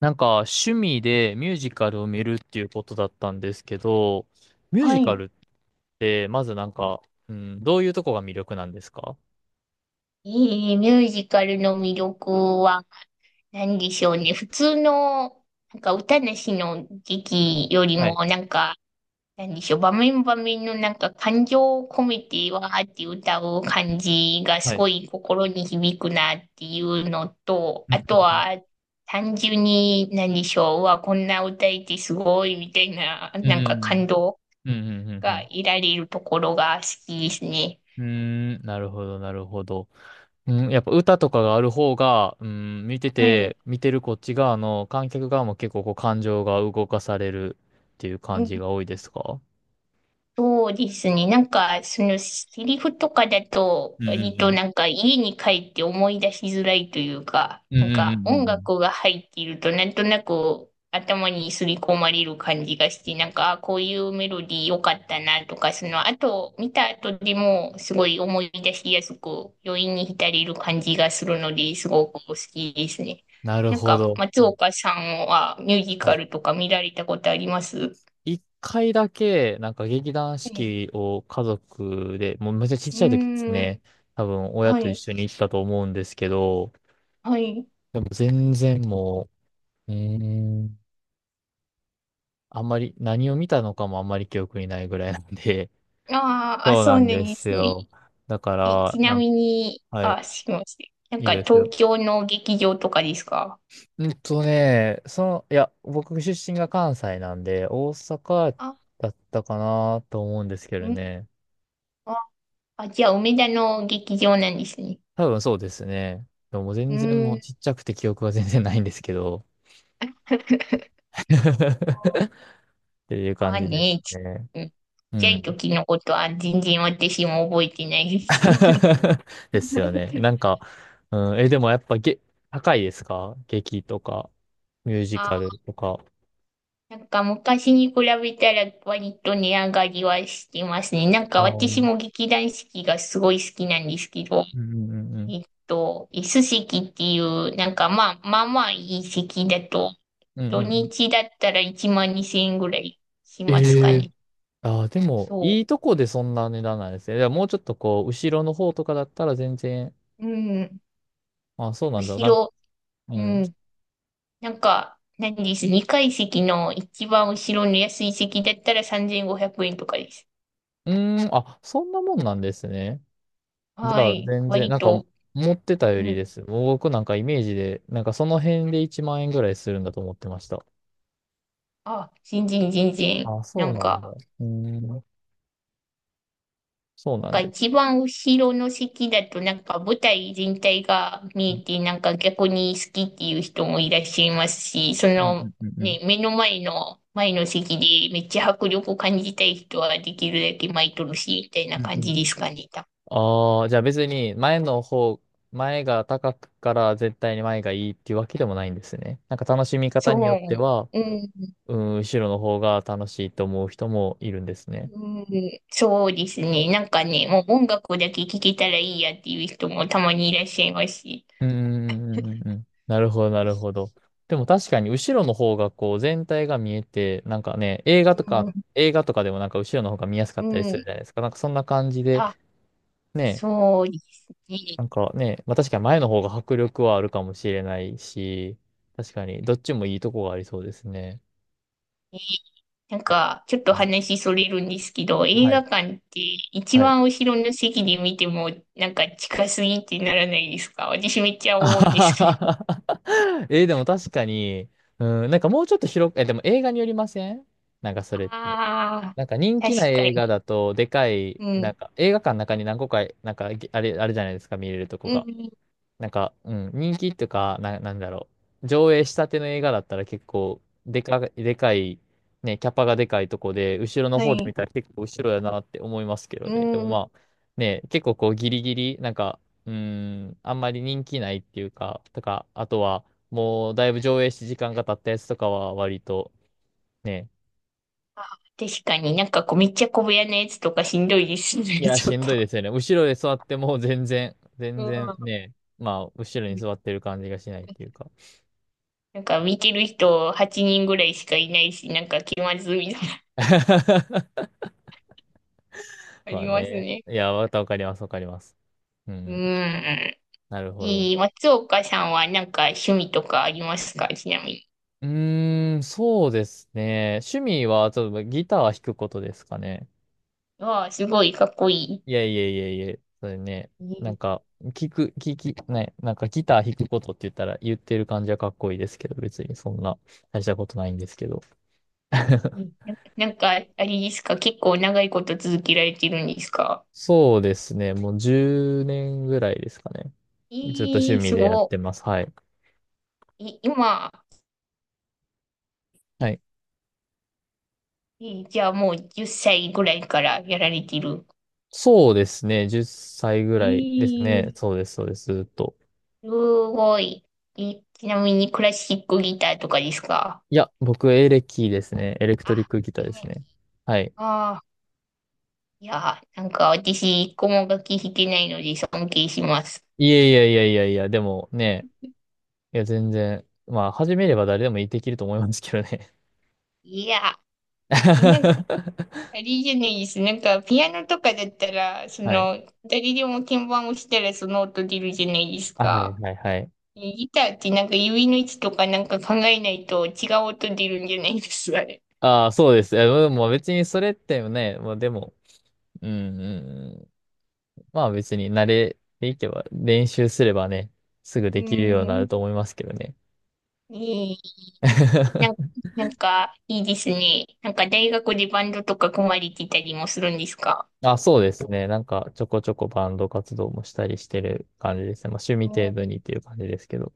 趣味でミュージカルを見るっていうことだったんですけど、ミューはジい。カルって、まずどういうとこが魅力なんですか？ミュージカルの魅力は何でしょうね。普通の、なんか歌なしの劇よりはい。も、なんか、何でしょう。場面場面のなんか感情を込めてわーって歌う感じがはすい。ごい心に響くなっていうのと、うあん。うとん。は単純に何でしょう。うわ、こんな歌えてすごいみたいな、うなんかん。感動うん。うん。うん。うがん。得られるところが好きですね。うん。なるほど、なるほど。うん、やっぱ歌とかがある方が、うん、はい。見てるこっち側の観客側も結構こう感情が動かされるっていう感じが多いですか？そうですね。なんか、その、セリフとかだと、うんう割んうとん。なんか、家に帰って思い出しづらいというか、うんうなんんうんか、うんう音ん。楽が入っていると、なんとなく、頭にすり込まれる感じがして、なんか、あこういうメロディー良かったなとか、その、あと、見た後でも、すごい思い出しやすく、余韻に浸れる感じがするので、すごく好きですね。なるなんほか、ど。松岡さんは、ミュージはカい、ルとか見られたことあります？一回だけ、なんか劇団は四い。季を家族で、もうめっちゃちっうちゃい時ですーん。ね。多分親はと一い。緒に行ったと思うんですけど、はい。でも全然もう、うーん、あんまり何を見たのかもあんまり記憶にないぐらいなんで、あーあ、そうそなうなんんでですすね。よ。だかえ、ちら、ななんか、みに、はい、あ、すみません。なんいいかです東よ。京の劇場とかですか？僕出身が関西なんで、大阪あ、だったかなと思うんですけどうん。ね。あ、あじゃあ梅田の劇場なんですね。多分そうですね。でも全う然もうん。ちっちゃくて記憶は全然ないんですけど。っていうま感あじですね、ちね。うん。ちっうちゃいん。時のことは全然私も覚えてないです。ですよね。なん か、うん、え、でもやっぱげ、高いですか？劇とか、ミュージカあルとか。なんか昔に比べたら割と値上がりはしてますね。なんあかう私ん、も劇団四季がすごい好きなんですけど、うんうんうん。椅子席っていう、なんかまあ、まあまあいい席だと、うんうん土うん。日だったら1万2000円ぐらいしますかええ、ね。ああ、でも、そいいとこでそんな値段なんですね。でももうちょっとこう、後ろの方とかだったら全然。う。うん。あ、そうなんだ。後なんか、ろ、ううん。うん。なんか、何です。2階席の一番後ろの安い席だったら3500円とかです。ーん、あ、そんなもんなんですね。じはゃあ、い。全然、割なんか、と、持ってたようりん。です。もう僕なんかイメージで、なんかその辺で1万円ぐらいするんだと思ってました。あ、全然全然。あ、なそうんなんだ。か、うーん、そうなんなんかで一す。番後ろの席だとなんか舞台全体がう見んえてなんか逆に好きっていう人もいらっしゃいますし、そうんのうんうん。ね、目の前の前の席でめっちゃ迫力を感じたい人はできるだけ巻いとるし、みたいなうんう感ん。じですかね。多分ああ、じゃあ別に前の方、前が高くから絶対に前がいいっていうわけでもないんですね。なんか楽しみ方そによってう。は、うん、うん、後ろの方が楽しいと思う人もいるんですね。うん、そうですね。なんかね、もう音楽だけ聴けたらいいやっていう人もたまにいらっしゃいますし。うんうんうんうんうん。なるほど、なるほど。でも確かに後ろの方がこう全体が見えて、なんかね、うん、映画とかでもなんか後ろの方が見やすかうったりするん、じゃないですか。なんかそんな感じで、あ、ね、そうですね。なんかね、まあ確かに前の方が迫力はあるかもしれないし、確かにどっちもいいとこがありそうですね。なんか、ちょっとうん、話それるんですけど、映は画い。館って一はい。番後ろの席で見ても、なんか近すぎってならないですか？私めっち ゃあは思うんですけど。は。はえー、でも確かに、うん、なんかもうちょっと広く、え、でも映画によりません？なんかそれって。ああ、なんか人気な確か映画に。だと、でかい、うなんん。か映画館の中に何個か、なんかぎあれ、あれじゃないですか、見れるとこうが。ん。人気とか、なんだろう。上映したての映画だったら結構、でかい、ね、キャパがでかいとこで、後ろのは方で見い。たら結構後ろやなって思いますけどうね。でもん。まあ、ね、結構こうギリギリ、なんか、うん、あんまり人気ないっていうか、とか、あとは、もうだいぶ上映して時間が経ったやつとかは割と、ね、確かになんかこうめっちゃ小部屋のやつとかしんどいですね、い や、ちょしっんどいと。ですよね。後ろで座っても全然うね、まあ、後ろん。に座ってる感じがしないっていうか。なんか見てる人8人ぐらいしかいないし、なんか気まずいみたいな、あまりあますね。ね。いや、またわかります。ううん、ん。なるほど。松岡さんはなんか趣味とかありますか、ちなみに？うーん、そうですね。趣味は、ちょっとギターは弾くことですかね。わあ、すごいかっこいそれね、いなんい、か、聞く、聞き、ね、なんかギター弾くことって言ったら言ってる感じはかっこいいですけど、別にそんな大したことないんですけど。いいい。なんか、あれですか、結構長いこと続けられてるんですか？そうですね。もう10年ぐらいですかね。ずっと趣ええ、味すでやってごます。はい。い。今、はい。じゃあもう10歳ぐらいからやられてる？そうですね。10歳ぐらいですえね。え、そうです。ずっと。すごい。え、ちなみにクラシックギターとかですか？いや、僕、エレキですね。エレクトリッあ、クギターえですえ、ね。はい。ああ、いや、なんか私、一個も楽器弾けないので尊敬します。でもね、いや、全然、まあ、始めれば誰でもできると思いますけどね。いや、えなんあ れじゃないです。なんか、ピアノとかだったら、そはい。の、誰でも鍵盤を押したらその音出るじゃないですあ、か。はい。ギターってなんか指の位置とかなんか考えないと違う音出るんじゃないですか、あれ。ああ、そうです。いやでも別にそれってね、まあでも、うん、うんうん。まあ別に慣れていけば、練習すればね、すぐうできるようにーなるん。と思いますけどね。いいなんか、いいですね。なんか、大学でバンドとか組まれてたりもするんですか？あ、そうですね。なんかちょこちょこバンド活動もしたりしてる感じですね。まあ趣味お程度にっていう感じですけど。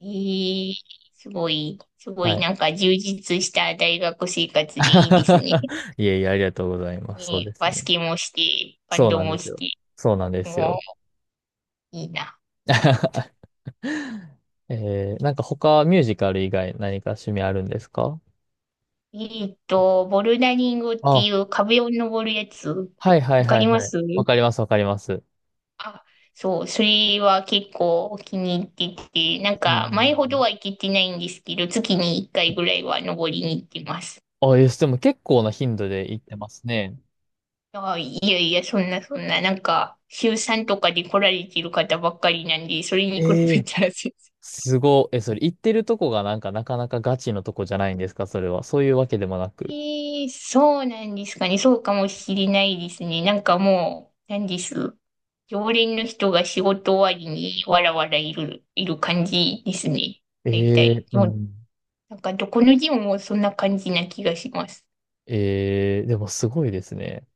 えい、すごい、すごはいい。なんか充実した大学生活でいいですね。いえいえ、ありがとうございます。そうねえですバスね。ケもして、バンそうドなんでもすしよ。て。そうなんですよ。いいな。えー、なんか他ミュージカル以外何か趣味あるんですか？ボルダリングってあ、いう壁を登るやつ。はいはいわかはいりまはい。す。わかります。あ、そう、それは結構気に入ってて、なんうんうんか前ほうどん。は行けてないんですけど、月に1回ぐらいは登りに行ってます。あ、え、でも結構な頻度で行ってますね。あ、いやいや、そんなそんな、なんか週3とかで来られてる方ばっかりなんで、それえに比べえ。たら全すごい。え、それ行ってるとこがなんかなかなかガチのとこじゃないんですか、それは。そういうわけでもなく。えーそうなんですかね。そうかもしれないですね。なんかもう、なんです。常連の人が仕事終わりにわらわらいる感じですね。え大え、体。うでも、ん。なんかどこのジムもそんな感じな気がします。ええ、でもすごいですね。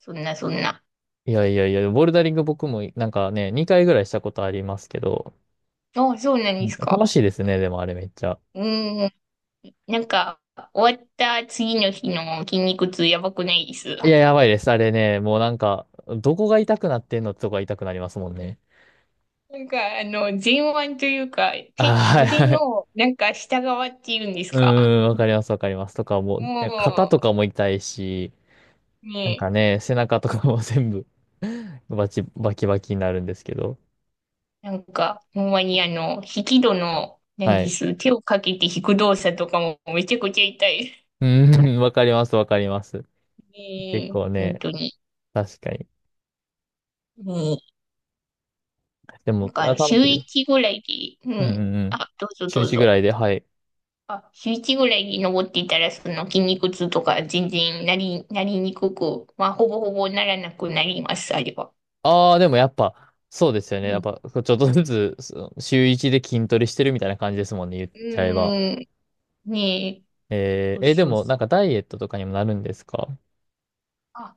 そんなそんな。ボルダリング僕もなんかね、2回ぐらいしたことありますけど、ああ、そうなんうでん、す楽か。しいですね、でもあれめっちゃ。うーん。なんか、終わった次の日の筋肉痛やばくないです？いなや、やばいです。あれね、もうなんか、どこが痛くなってんのってとこが痛くなりますもんね。んか、あの、前腕というか、ああ、はい腕はい。の、なんか下側っていうんですうか。ーん、わかります。とかもう、ね、肩もとかも痛いし、う、なんねかね、背中とかも全部 バキバキになるんですけど。なんか、ほんまにあの、引き戸の、何はでい。す、手をかけて引く動作とかもめちゃくちゃ痛い。うん、わかります。結ね構え、本ね、当に。確かに。うんでなも、んあ、か、楽し週いです。一ぐらいで、ううんうん。んうん。あ、どうぞ週どう1ぐぞ。らいで、はい。あ、週一ぐらいで登っていたら、その筋肉痛とか全然なりにくく、まあ、ほぼほぼならなくなります、あれは。ああ、でもやっぱ、そうですよね。うやっん。ぱ、ちょっとずつ、週1で筋トレしてるみたいな感じですもんね、言っうちゃえば。ーん、ねえ、えそー、うえ、でそうも、なそんう。かダイエットとかにもなるんですか？あ、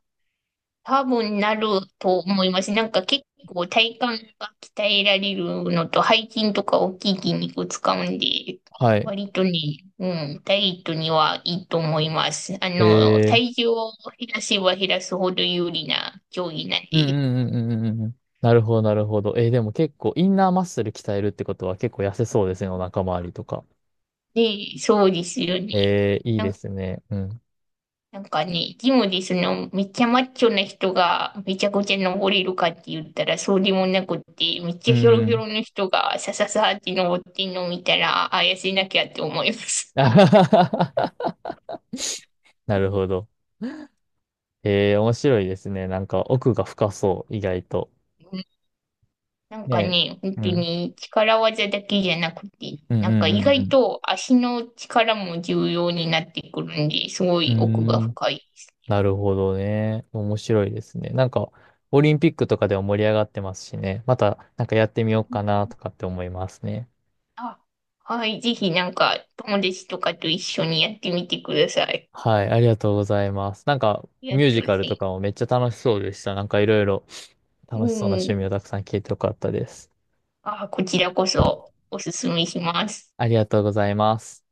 多分なると思います。なんか結構体幹が鍛えられるのと背筋とか大きい筋肉使うんで、はい。割とね、うん、ダイエットにはいいと思います。あへの、え。体重を減らせば減らすほど有利な競技なんうんで。うんうんうんうんうん。なるほど、なるほど。えー、でも結構、インナーマッスル鍛えるってことは結構痩せそうですね、お腹周りとか。で、そうですよね。えー、いいですね。うん。なんかね、ジムでその、めっちゃマッチョな人がめちゃくちゃ登れるかって言ったらそうでもなくって、めっちうゃんひょろうひょん。ろの人がさささって登ってんのを見たら、あ、痩せなきゃって思いま す。あはは。はなるほど。えー、面白いですね。なんか奥が深そう、意外と。うんなんねかえ。ね、本う当ん。に力技だけじゃなくて、うんなんか意う外んと足の力も重要になってくるんで、すごうんい奥がうん。うーん。深い。なるほどね。面白いですね。なんか、オリンピックとかでも盛り上がってますしね。また、なんかやってみようかなとかって思いますね。あ、はい、ぜひなんか友達とかと一緒にやってみてください。あはい、ありがとうございます。なんか、りがミューとうごジざカルといかもめっちゃ楽しそうでした。なんかいろいろます。楽しそうなう趣ん。味をたくさん聞いてよかったです。あ、こちらこそおすすめします。ありがとうございます。